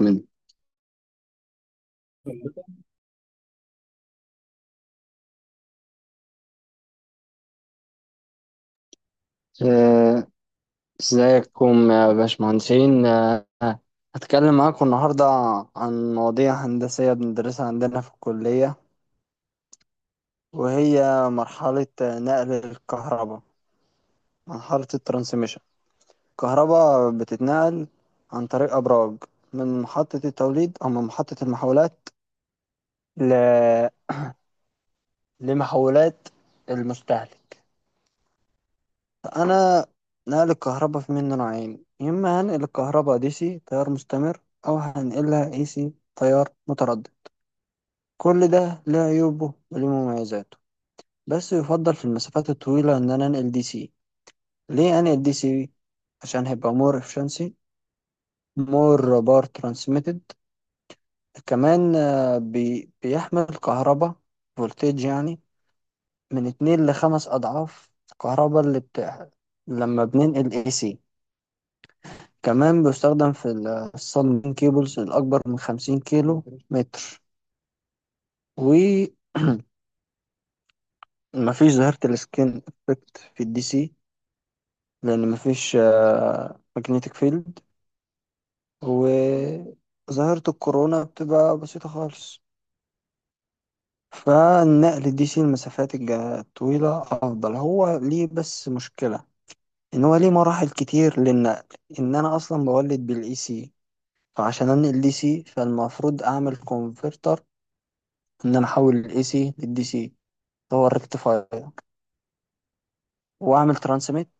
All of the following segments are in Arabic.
من آه، ازيكم يا باشمهندسين هتكلم معاكم النهاردة عن مواضيع هندسية بندرسها عندنا في الكلية، وهي مرحلة نقل الكهرباء، مرحلة الترانسميشن. الكهرباء بتتنقل عن طريق أبراج من محطة التوليد أو من محطة المحولات ل... لمحولات المستهلك. انا نقل الكهرباء في منه نوعين: يا اما هنقل الكهرباء دي سي تيار مستمر، او هنقلها اي سي تيار متردد. كل ده ليه عيوبه وليه مميزاته، بس يفضل في المسافات الطويلة ان انا انقل دي سي. ليه انقل دي سي؟ عشان هيبقى مور efficiency، مور بار ترانسميتد. كمان، بيحمل كهرباء فولتج، يعني من اتنين لخمس اضعاف الكهرباء اللي بتاع لما بننقل اي سي. كمان بيستخدم في الصالون كيبلز الأكبر من 50 كيلو متر. ومفيش ظاهرة السكين افكت في الدي سي، لأن مفيش ماجنتيك فيلد، وظاهرة الكورونا بتبقى بسيطة خالص. فالنقل الدي سي المسافات الطويلة أفضل. هو ليه بس مشكلة إن هو ليه مراحل كتير للنقل، إن أنا أصلا بولد بالإي سي. فعشان أنقل دي سي فالمفروض أعمل كونفرتر، ان انا احول الاي سي للدي سي، هو الريكتيفاير، واعمل ترانسميت.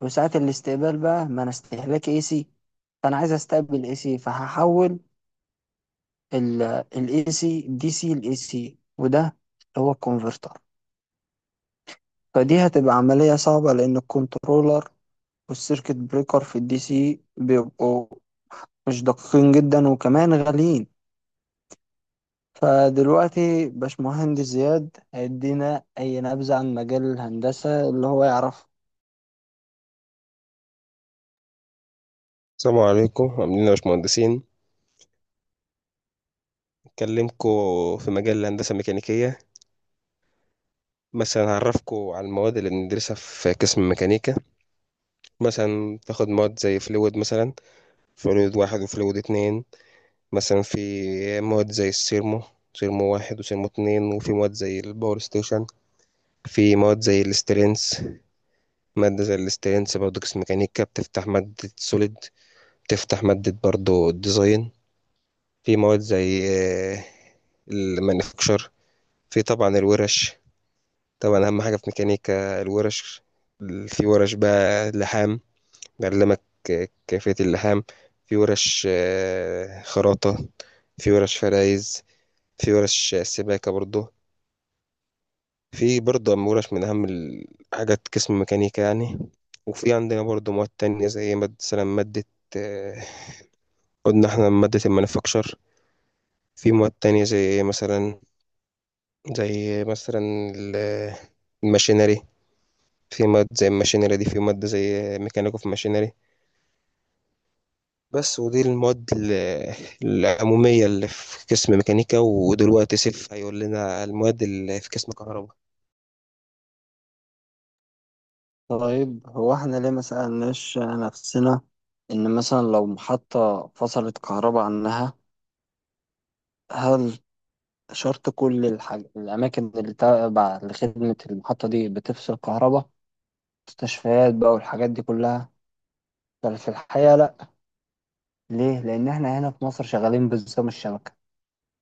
وساعة الاستقبال بقى ما انا استهلاك اي سي، فانا عايز استقبل اي سي فهحول الاي سي دي سي لاي سي، وده هو الكونفرتر. فدي هتبقى عملية صعبة لان الكنترولر والسيركت بريكر في الدي سي بيبقوا مش دقيقين جدا، وكمان غاليين. فدلوقتي باشمهندس زياد هيدينا اي نبذة عن مجال الهندسة اللي هو يعرفه. السلام عليكم، عاملين إيه يا باشمهندسين؟ أكلمكم في مجال الهندسة الميكانيكية. مثلا هعرفكم على المواد اللي بندرسها في قسم الميكانيكا. مثلا تاخد مواد زي فلويد، مثلا فلويد واحد وفلويد اتنين. مثلا في مواد زي السيرمو، سيرمو واحد وسيرمو اتنين، وفي مواد زي الباور ستيشن. في مواد زي الاسترينس. مادة زي الاسترينس برضه قسم ميكانيكا بتفتح مادة سوليد، بتفتح مادة برضه الديزاين. في مواد زي آه، المانيفاكتشر. في طبعا الورش. طبعا اهم حاجه في ميكانيكا الورش. في ورش بقى لحام، بيعلمك كيفيه اللحام. في ورش خراطه. في ورش فرايز. في ورش سباكه برضو. في برضو أهم ورش، من اهم الحاجات قسم ميكانيكا يعني. وفي عندنا برضو مواد تانية زي مادة، مثلا مادة، آه، قلنا احنا مادة المانيفاكتشر. في مواد تانية زي مثلا ال- الماشينري. في مواد زي الماشينري دي، في مادة زي ميكانيكا في ماشينري بس. ودي المواد العمومية اللي في قسم ميكانيكا. ودلوقتي سيف هيقول لنا المواد اللي في قسم كهرباء. طيب، هو احنا ليه ما سألناش نفسنا إن مثلا لو محطة فصلت كهرباء عنها، هل شرط كل الأماكن اللي تابعة لخدمة المحطة دي بتفصل كهرباء؟ مستشفيات بقى والحاجات دي كلها؟ بل في الحقيقة لأ. ليه؟ لأن احنا هنا في مصر شغالين بنظام الشبكة.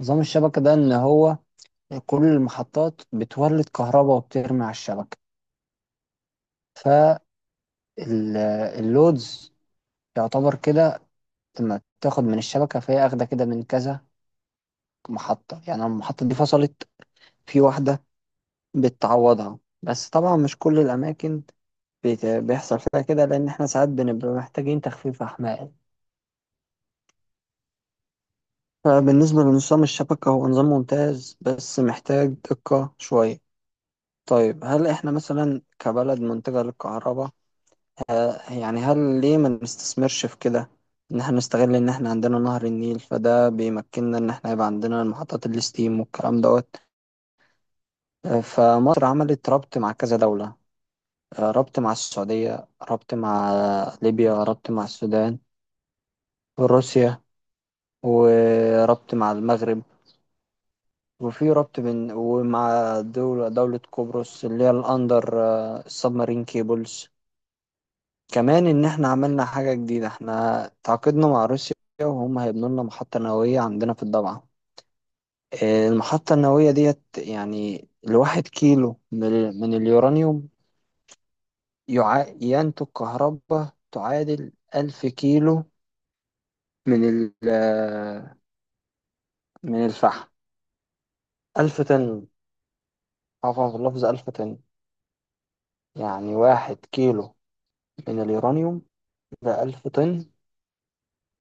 نظام الشبكة ده إن هو كل المحطات بتولد كهرباء وبترمي على الشبكة. فاللودز يعتبر كده لما تاخد من الشبكة، فهي أخدة كده من كذا محطة. يعني لما المحطة دي فصلت في واحدة بتعوضها، بس طبعا مش كل الأماكن بيحصل فيها كده، لأن إحنا ساعات بنبقى محتاجين تخفيف أحمال. فبالنسبة لنظام الشبكة، هو نظام ممتاز بس محتاج دقة شوية. طيب، هل إحنا مثلا كبلد منتجة للكهرباء، يعني هل ليه ما نستثمرش في كده؟ إن إحنا نستغل إن إحنا عندنا نهر النيل، فده بيمكننا إن إحنا يبقى عندنا محطات الستيم والكلام دوت. فمصر عملت ربط مع كذا دولة. ربط مع السعودية، ربط مع ليبيا، ربط مع السودان، وروسيا، وربط مع المغرب. وفي ربط بين ومع دولة قبرص اللي هي الأندر السبمارين كيبلز. كمان إن إحنا عملنا حاجة جديدة: إحنا تعاقدنا مع روسيا، وهم هيبنوا لنا محطة نووية عندنا في الضبعة. المحطة النووية ديت، يعني الواحد كيلو من من اليورانيوم ينتج كهرباء تعادل 1000 كيلو من ال آه، من الفحم، 1000 طن. عفوا في اللفظ، 1000 طن. يعني واحد كيلو من اليورانيوم ده 1000 طن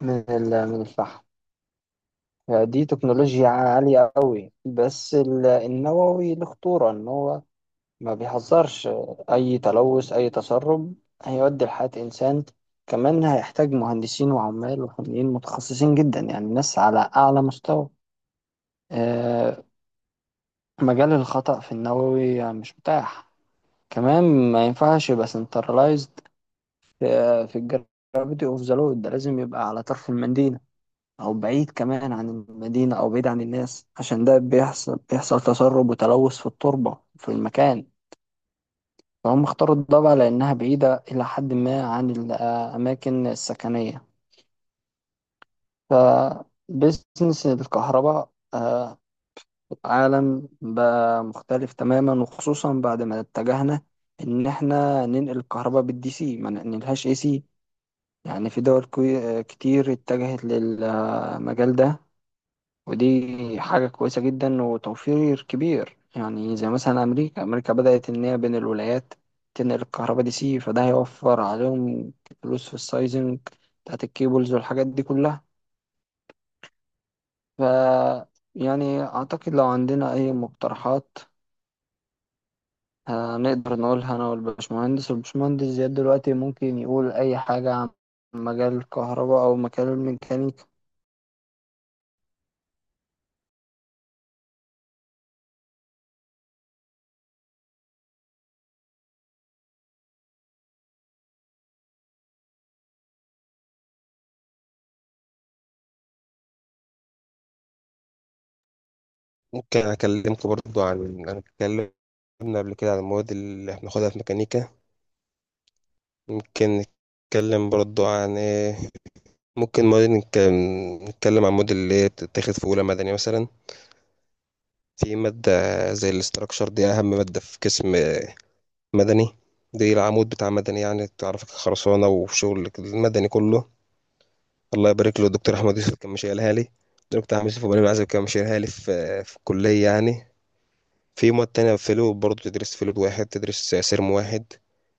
من من الفحم. يعني دي تكنولوجيا عالية قوي. بس النووي له خطورة، إن هو ما بيهزرش، أي تلوث أي تسرب هيؤدي لحياة إنسان. كمان هيحتاج مهندسين وعمال وفنيين متخصصين جدا، يعني ناس على أعلى مستوى. آه، مجال الخطأ في النووي مش متاح. كمان ما ينفعش يبقى سنترلايزد في الجرافيتي اوف ذا لود. ده لازم يبقى على طرف المدينة، او بعيد كمان عن المدينة، او بعيد عن الناس، عشان ده بيحصل تسرب وتلوث في التربة في المكان. فهم اختاروا الضبع لانها بعيدة الى حد ما عن الاماكن السكنية. فبزنس الكهرباء، في العالم بقى مختلف تماما، وخصوصا بعد ما اتجهنا ان احنا ننقل الكهرباء بالدي سي ما ننقلهاش اي سي. يعني في دول كتير اتجهت للمجال ده، ودي حاجة كويسة جدا وتوفير كبير. يعني زي مثلا أمريكا بدأت إن هي بين الولايات تنقل الكهرباء دي سي، فده هيوفر عليهم فلوس في السايزنج بتاعت الكيبلز والحاجات دي كلها. ف يعني أعتقد لو عندنا أي مقترحات هنقدر نقولها أنا والباشمهندس زياد. دلوقتي ممكن يقول أي حاجة عن مجال الكهرباء أو مجال الميكانيكا. ممكن أكلمكم برضو عن، أنا اتكلمنا قبل كده عن المواد اللي هناخدها في ميكانيكا. ممكن نتكلم برضو عن إيه؟ ممكن مواد نتكلم عن موديل اللي هي بتتاخد في أولى مدني مثلا. في مادة زي الاستراكشر، دي أهم مادة في قسم مدني. دي العمود بتاع مدني يعني، تعرفك خرسانة وشغل المدني كله. الله يبارك له الدكتور أحمد يوسف، كان مشيلها لي الدكتور أحمد يوسف وبني العزب، كان مشيلها لي في الكلية يعني. في مواد تانية، فلو برضه تدرس فلود واحد، تدرس سيرم واحد،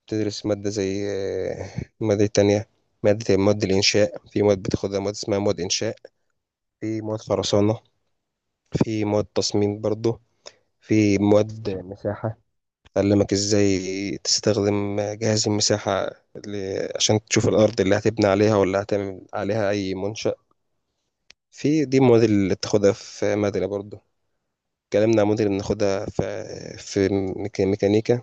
تدرس مادة زي، مادة تانية، مادة مواد الإنشاء. في مواد بتاخدها، مواد اسمها مواد إنشاء. في مواد خرسانة. في مواد تصميم برضه. في مواد مساحة، أعلمك إزاي تستخدم جهاز المساحة اللي عشان تشوف الأرض اللي هتبني عليها ولا هتعمل عليها أي منشأ. في دي المواد اللي بتاخدها في مدني برضه. اتكلمنا عن موديل بناخدها في في ميكانيكا.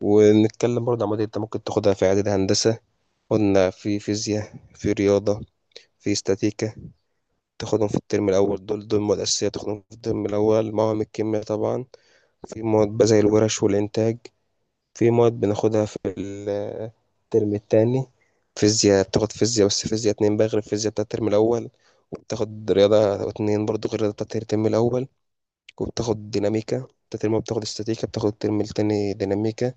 ونتكلم برضه عن موديل انت ممكن تاخدها في إعداد هندسة. قلنا في فيزياء، في رياضة، في استاتيكا، تاخدهم في الترم الأول. دول مواد أساسية تاخدهم في الترم الأول، مواد الكيمياء طبعا. في مواد بقى زي الورش والإنتاج. في مواد بناخدها في الترم التاني. فيزياء، بتاخد فيزياء، بس فيزياء اتنين بقى غير الفيزياء بتاعت الترم الأول. وبتاخد رياضة اتنين برضو غير الرياضة بتاعت الترم الأول. وبتاخد ديناميكا بتاعت الترم الأول، بتاخد استاتيكا، بتاخد الترم التاني ديناميكا.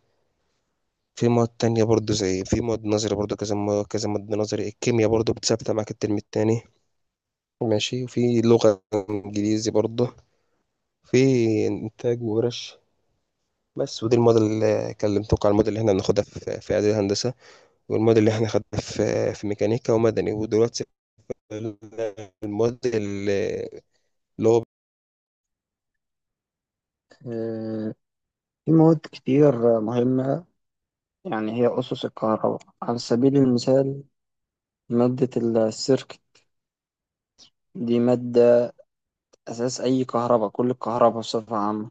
في مواد تانية برضو، زي في مواد نظري برضو، كذا مواد، كذا مادة نظري. الكيمياء برضو بتثبت معاك الترم التاني، ماشي. وفي لغة إنجليزي برضو. في إنتاج وورش بس. ودي المواد اللي كلمتك على المواد اللي احنا بناخدها في إعدادي هندسة، والمواد اللي احنا خدناها في ميكانيكا ومدني. ودلوقتي الموديل في مواد كتير مهمة، يعني هي أسس الكهرباء. على سبيل المثال، مادة السيركت، دي مادة أساس أي كهرباء، كل الكهرباء بصفة عامة.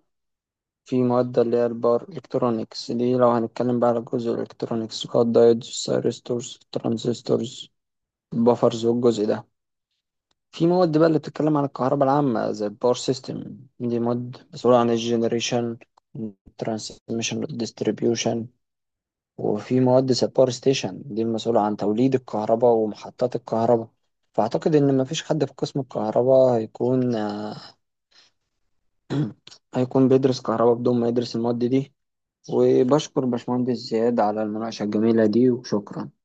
في مواد اللي هي الباور إلكترونيكس، دي لو هنتكلم بقى على الجزء الإلكترونيكس: الدايودز، الثيرستورز، الترانزستورز، البفرز والجزء ده. في مواد بقى اللي بتتكلم عن الكهرباء العامة، زي الباور سيستم، دي مواد مسؤولة عن الجنريشن، الترانسميشن والديستريبيوشن. وفي مهندس الباور ستيشن، دي المسؤولة عن توليد الكهرباء ومحطات الكهرباء. فأعتقد إن مفيش حد في قسم الكهرباء هيكون آه، هيكون بيدرس كهرباء بدون ما يدرس المواد دي. وبشكر باشمهندس زياد على المناقشة الجميلة دي، وشكرا.